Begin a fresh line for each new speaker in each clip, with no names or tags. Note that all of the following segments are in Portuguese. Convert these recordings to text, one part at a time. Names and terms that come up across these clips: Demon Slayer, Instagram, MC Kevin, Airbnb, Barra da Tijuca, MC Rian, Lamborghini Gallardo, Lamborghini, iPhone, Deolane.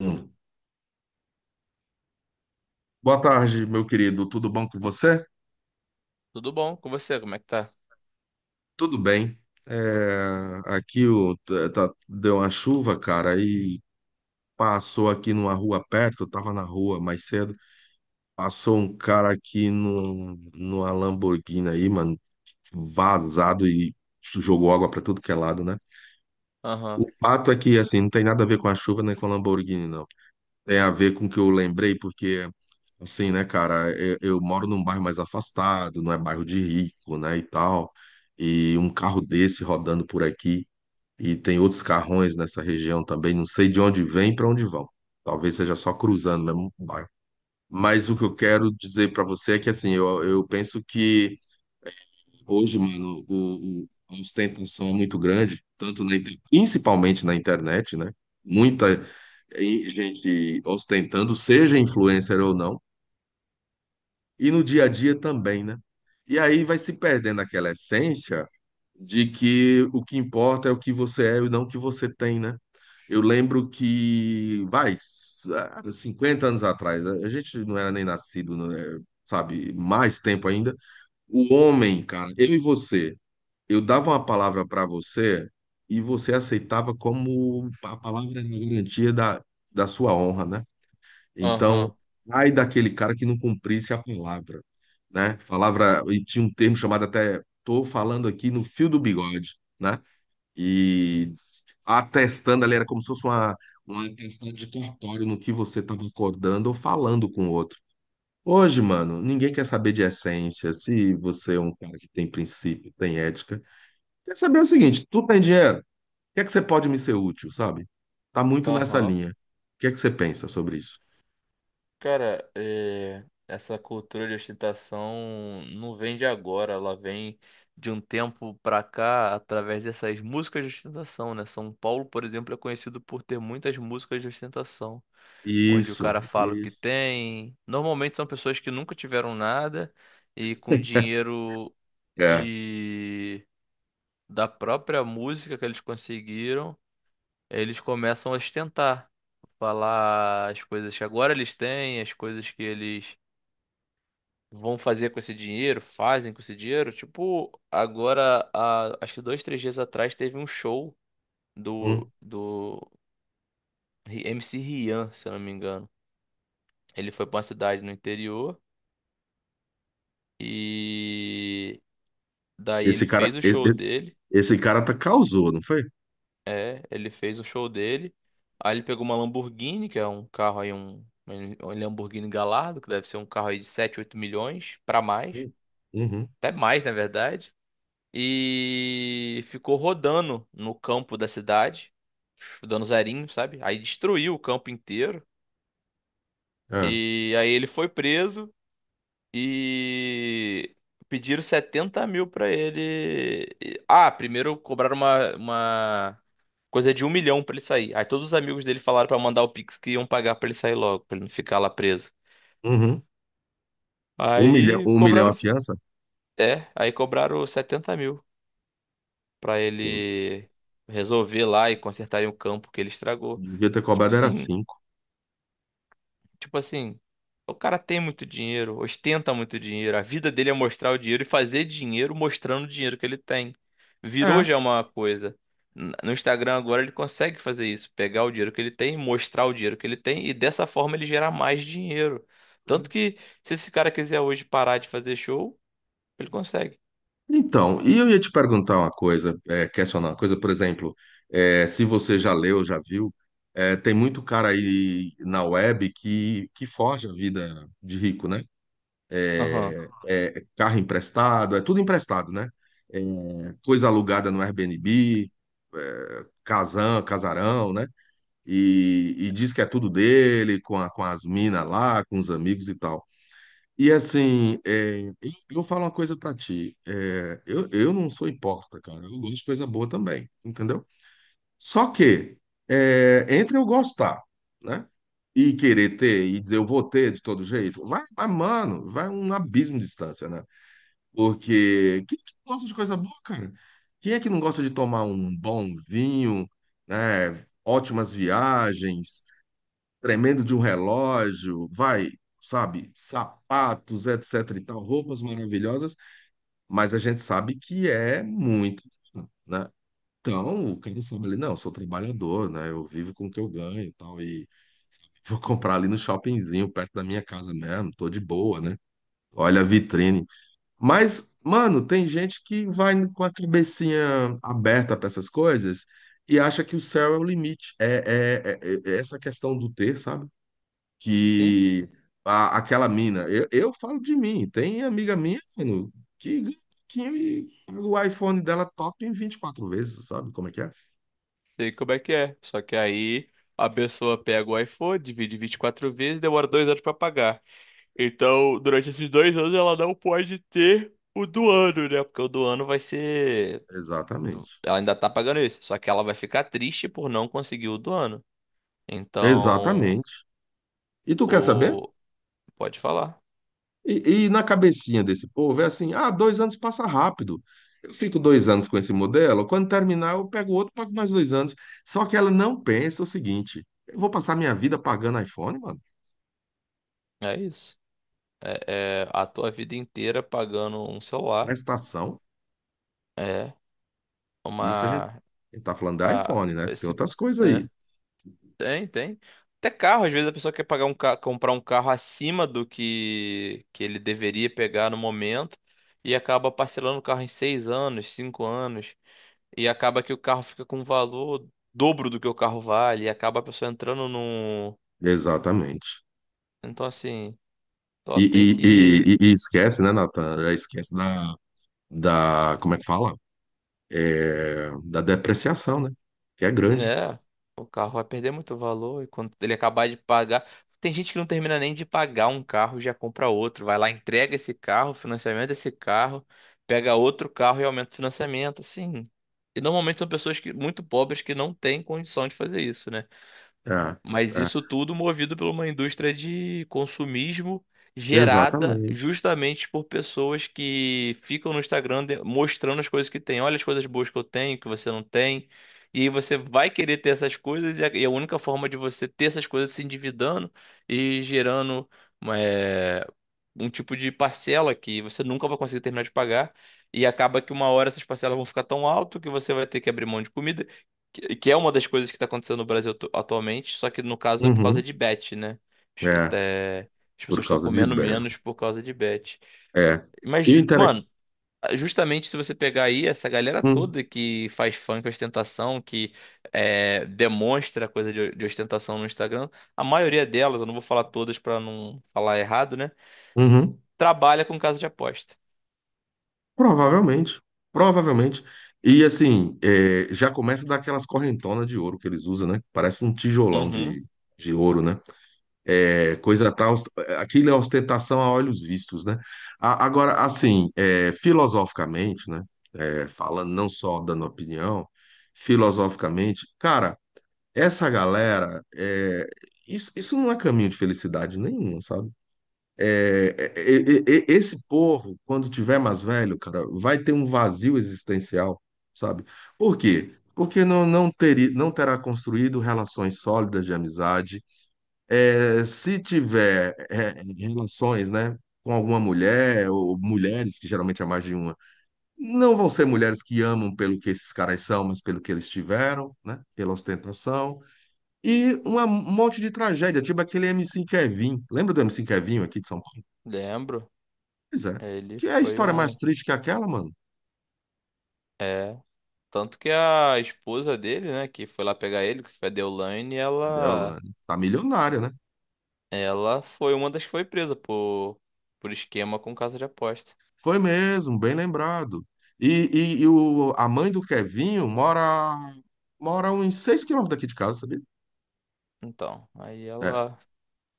Hum. Boa tarde, meu querido. Tudo bom com você?
Tudo bom com você? Como é que tá?
Tudo bem. É, aqui o, deu uma chuva, cara, e passou aqui numa rua perto. Eu tava na rua mais cedo. Passou um cara aqui numa Lamborghini aí, mano, vazado e jogou água pra tudo que é lado, né? O
Aham,
fato é que, assim, não tem nada a ver com a chuva nem com a Lamborghini, não. Tem a ver com o que eu lembrei, porque, assim, né, cara, eu moro num bairro mais afastado, não é bairro de rico, né, e tal, e um carro desse rodando por aqui, e tem outros carrões nessa região também, não sei de onde vem e para onde vão. Talvez seja só cruzando mesmo o bairro. Mas o que eu quero dizer para você é que, assim, eu penso que hoje, mano, a ostentação é muito grande, tanto principalmente na internet, né? Muita gente ostentando, seja influencer ou não, e no dia a dia também, né? E aí vai se perdendo aquela essência de que o que importa é o que você é e não o que você tem, né? Eu lembro que, vai, há 50 anos atrás, a gente não era nem nascido, né? Sabe, mais tempo ainda. O homem, cara, eu e você, eu dava uma palavra para você e você aceitava como a palavra era a garantia da sua honra, né? Então,
aham,
ai daquele cara que não cumprisse a palavra, né? Palavra, e tinha um termo chamado até, tô falando aqui no fio do bigode, né? E atestando ali era como se fosse uma atestado de cartório no que você estava acordando ou falando com o outro. Hoje, mano, ninguém quer saber de essência, se você é um cara que tem princípio, tem ética. Quer saber o seguinte, tu tem dinheiro, o que é que você pode me ser útil, sabe? Tá muito nessa
aham.
linha. O que é que você pensa sobre isso?
Cara, é, essa cultura de ostentação não vem de agora, ela vem de um tempo pra cá através dessas músicas de ostentação, né? São Paulo, por exemplo, é conhecido por ter muitas músicas de ostentação, onde o
Isso,
cara fala o que
isso.
tem. Normalmente são pessoas que nunca tiveram nada e com dinheiro
É.
de da própria música que eles conseguiram. Eles começam a ostentar, falar as coisas que agora eles têm, as coisas que eles vão fazer com esse dinheiro, fazem com esse dinheiro. Tipo, agora, há, acho que dois, três dias atrás teve um show do,
Hum.
do Ri- MC Rian, se eu não me engano. Ele foi pra uma cidade no interior e daí ele
Esse cara,
fez o
esse,
show dele.
esse cara tá, causou, não foi?
É, ele fez o show dele. Aí ele pegou uma Lamborghini, que é um carro aí, um Lamborghini Gallardo, que deve ser um carro aí de 7, 8 milhões pra mais,
Hum. Uhum.
até mais, na verdade. E ficou rodando no campo da cidade, dando zerinho, sabe? Aí destruiu o campo inteiro.
É.
E aí ele foi preso. E pediram 70 mil pra ele. Ah, primeiro cobraram uma coisa de 1 milhão pra ele sair. Aí todos os amigos dele falaram pra mandar o Pix que iam pagar pra ele sair logo, pra ele não ficar lá preso.
Uhum.
Aí
Um milhão
cobraram.
a fiança?
É, aí cobraram 70 mil pra
Putz,
ele resolver lá e consertarem o campo que ele estragou.
devia ter
Tipo
cobrado era
assim.
cinco.
Tipo assim, o cara tem muito dinheiro, ostenta muito dinheiro. A vida dele é mostrar o dinheiro e fazer dinheiro mostrando o dinheiro que ele tem. Virou
É.
já uma coisa. No Instagram agora ele consegue fazer isso, pegar o dinheiro que ele tem, mostrar o dinheiro que ele tem e dessa forma ele gerar mais dinheiro. Tanto
É.
que se esse cara quiser hoje parar de fazer show, ele consegue.
Então, e eu ia te perguntar uma coisa, é, questionar uma coisa, por exemplo, é, se você já leu, já viu, é, tem muito cara aí na web que forja a vida de rico, né?
Aham.
É carro emprestado, é tudo emprestado, né? É coisa alugada no Airbnb, é, casão, casarão, né? E diz que é tudo dele, com as minas lá, com os amigos e tal. E assim, é, eu falo uma coisa pra ti. É, eu não sou hipócrita, cara. Eu gosto de coisa boa também, entendeu? Só que, é, entre eu gostar, né? E querer ter, e dizer eu vou ter de todo jeito, vai, vai, mano, vai um abismo de distância, né? Porque quem é que não gosta de coisa boa, cara? Quem é que não gosta de tomar um bom vinho, né? Ótimas viagens, tremendo de um relógio, vai, sabe, sapatos, etc e tal, roupas maravilhosas, mas a gente sabe que é muito, né? Então, o cara sabe ali, não, eu sou trabalhador, né? Eu vivo com o que eu ganho e tal, e vou comprar ali no shoppingzinho, perto da minha casa mesmo, tô de boa, né? Olha a vitrine. Mas, mano, tem gente que vai com a cabecinha aberta para essas coisas e acha que o céu é o limite. É, essa questão do ter, sabe?
Sim,
Que aquela mina. Eu falo de mim. Tem amiga minha, mano, que, que o iPhone dela top em 24 vezes, sabe como é que é?
sei como é que é. Só que aí a pessoa pega o iPhone, divide 24 vezes, demora 2 anos pra pagar. Então, durante esses 2 anos, ela não pode ter o do ano, né? Porque o do ano vai ser.
Exatamente.
Ela ainda tá pagando isso. Só que ela vai ficar triste por não conseguir o do ano. Então,
Exatamente. E tu quer saber?
o. Pode falar.
E na cabecinha desse povo é assim: ah, 2 anos passa rápido. Eu fico 2 anos com esse modelo, quando terminar, eu pego outro, pago mais 2 anos. Só que ela não pensa o seguinte: eu vou passar minha vida pagando iPhone, mano,
É isso. É, é a tua vida inteira pagando um celular.
prestação.
É
Isso
uma.
a gente tá falando da
A,
iPhone, né? Tem
esse.
outras coisas aí.
Né? Tem, tem. Até carro, às vezes a pessoa quer pagar um ca... comprar um carro acima do que ele deveria pegar no momento e acaba parcelando o carro em 6 anos, 5 anos, e acaba que o carro fica com um valor dobro do que o carro vale, e acaba a pessoa entrando num.
Exatamente.
Então, assim, só
E, e,
tem
e,
que.
e- e esquece, né, Natan? Já esquece da, da. Como é que fala? É, da depreciação, né? Que é grande.
É, o carro vai perder muito valor e quando ele acabar de pagar. Tem gente que não termina nem de pagar um carro e já compra outro. Vai lá, entrega esse carro, financiamento desse carro, pega outro carro e aumenta o financiamento, assim. E normalmente são pessoas que, muito pobres que não têm condição de fazer isso, né?
É,
Mas
é,
isso tudo movido por uma indústria de consumismo gerada
exatamente.
justamente por pessoas que ficam no Instagram de- mostrando as coisas que têm. Olha as coisas boas que eu tenho, que você não tem. E aí você vai querer ter essas coisas, e a única forma de você ter essas coisas é se endividando e gerando eh, um tipo de parcela que você nunca vai conseguir terminar de pagar e acaba que uma hora essas parcelas vão ficar tão alto que você vai ter que abrir mão de comida, que é uma das coisas que está acontecendo no Brasil atualmente, só que no caso é por causa
Uhum,
de bet, né?
é,
É, as pessoas
por
estão
causa de
comendo
Bear.
menos por causa de bet.
É.
Mas,
E o inter...
mano, justamente se você pegar aí essa galera
Hum,
toda que faz funk ostentação, que é, demonstra coisa de ostentação no Instagram, a maioria delas, eu não vou falar todas para não falar errado, né?
uhum,
Trabalha com casa de aposta.
provavelmente. Provavelmente. E assim, é, já começa daquelas correntonas de ouro que eles usam, né? Parece um tijolão
Uhum,
de ouro, né? É coisa pra, aquilo é ostentação a olhos vistos, né? Agora, assim, é, filosoficamente, né? É, falando não só dando opinião, filosoficamente, cara. Essa galera, é, isso não é caminho de felicidade nenhum, sabe? É, é, é, esse povo, quando tiver mais velho, cara, vai ter um vazio existencial, sabe? Por quê? Porque não terá construído relações sólidas de amizade. É, se tiver é, relações, né, com alguma mulher, ou mulheres, que geralmente é mais de uma, não vão ser mulheres que amam pelo que esses caras são, mas pelo que eles tiveram, né? Pela ostentação. E um monte de tragédia, tipo aquele MC Kevin. Lembra do MC Kevin aqui de São Paulo?
lembro.
Pois é.
Ele
Que é a
foi
história
um.
mais triste que aquela, mano.
É. Tanto que a esposa dele, né, que foi lá pegar ele, que foi a Deolane,
A
ela.
Deolane. Tá milionária, né?
Ela foi uma das que foi presa por esquema com casa de aposta.
Foi mesmo, bem lembrado. A mãe do Kevinho mora uns 6 quilômetros daqui de casa, sabia?
Então, aí
É,
ela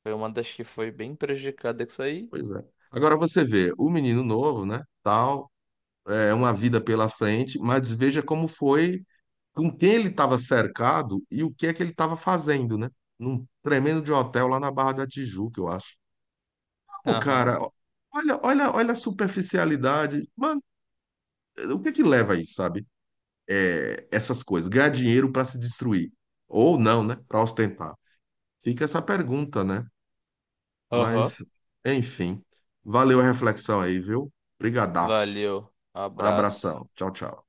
foi uma das que foi bem prejudicada com isso aí.
pois é. Agora você vê, o menino novo, né? Tal, é uma vida pela frente, mas veja como foi com quem ele estava cercado e o que é que ele estava fazendo, né? Num tremendo de hotel lá na Barra da Tijuca, eu acho. Ô,
Aham.
cara, olha, olha, olha a superficialidade. Mano, o que é que leva a isso, sabe? É, essas coisas, ganhar dinheiro para se destruir. Ou não, né? Para ostentar. Fica essa pergunta, né?
Aham.
Mas, enfim. Valeu a reflexão aí, viu? Brigadaço.
Valeu.
Um
Abraço.
abração. Tchau, tchau.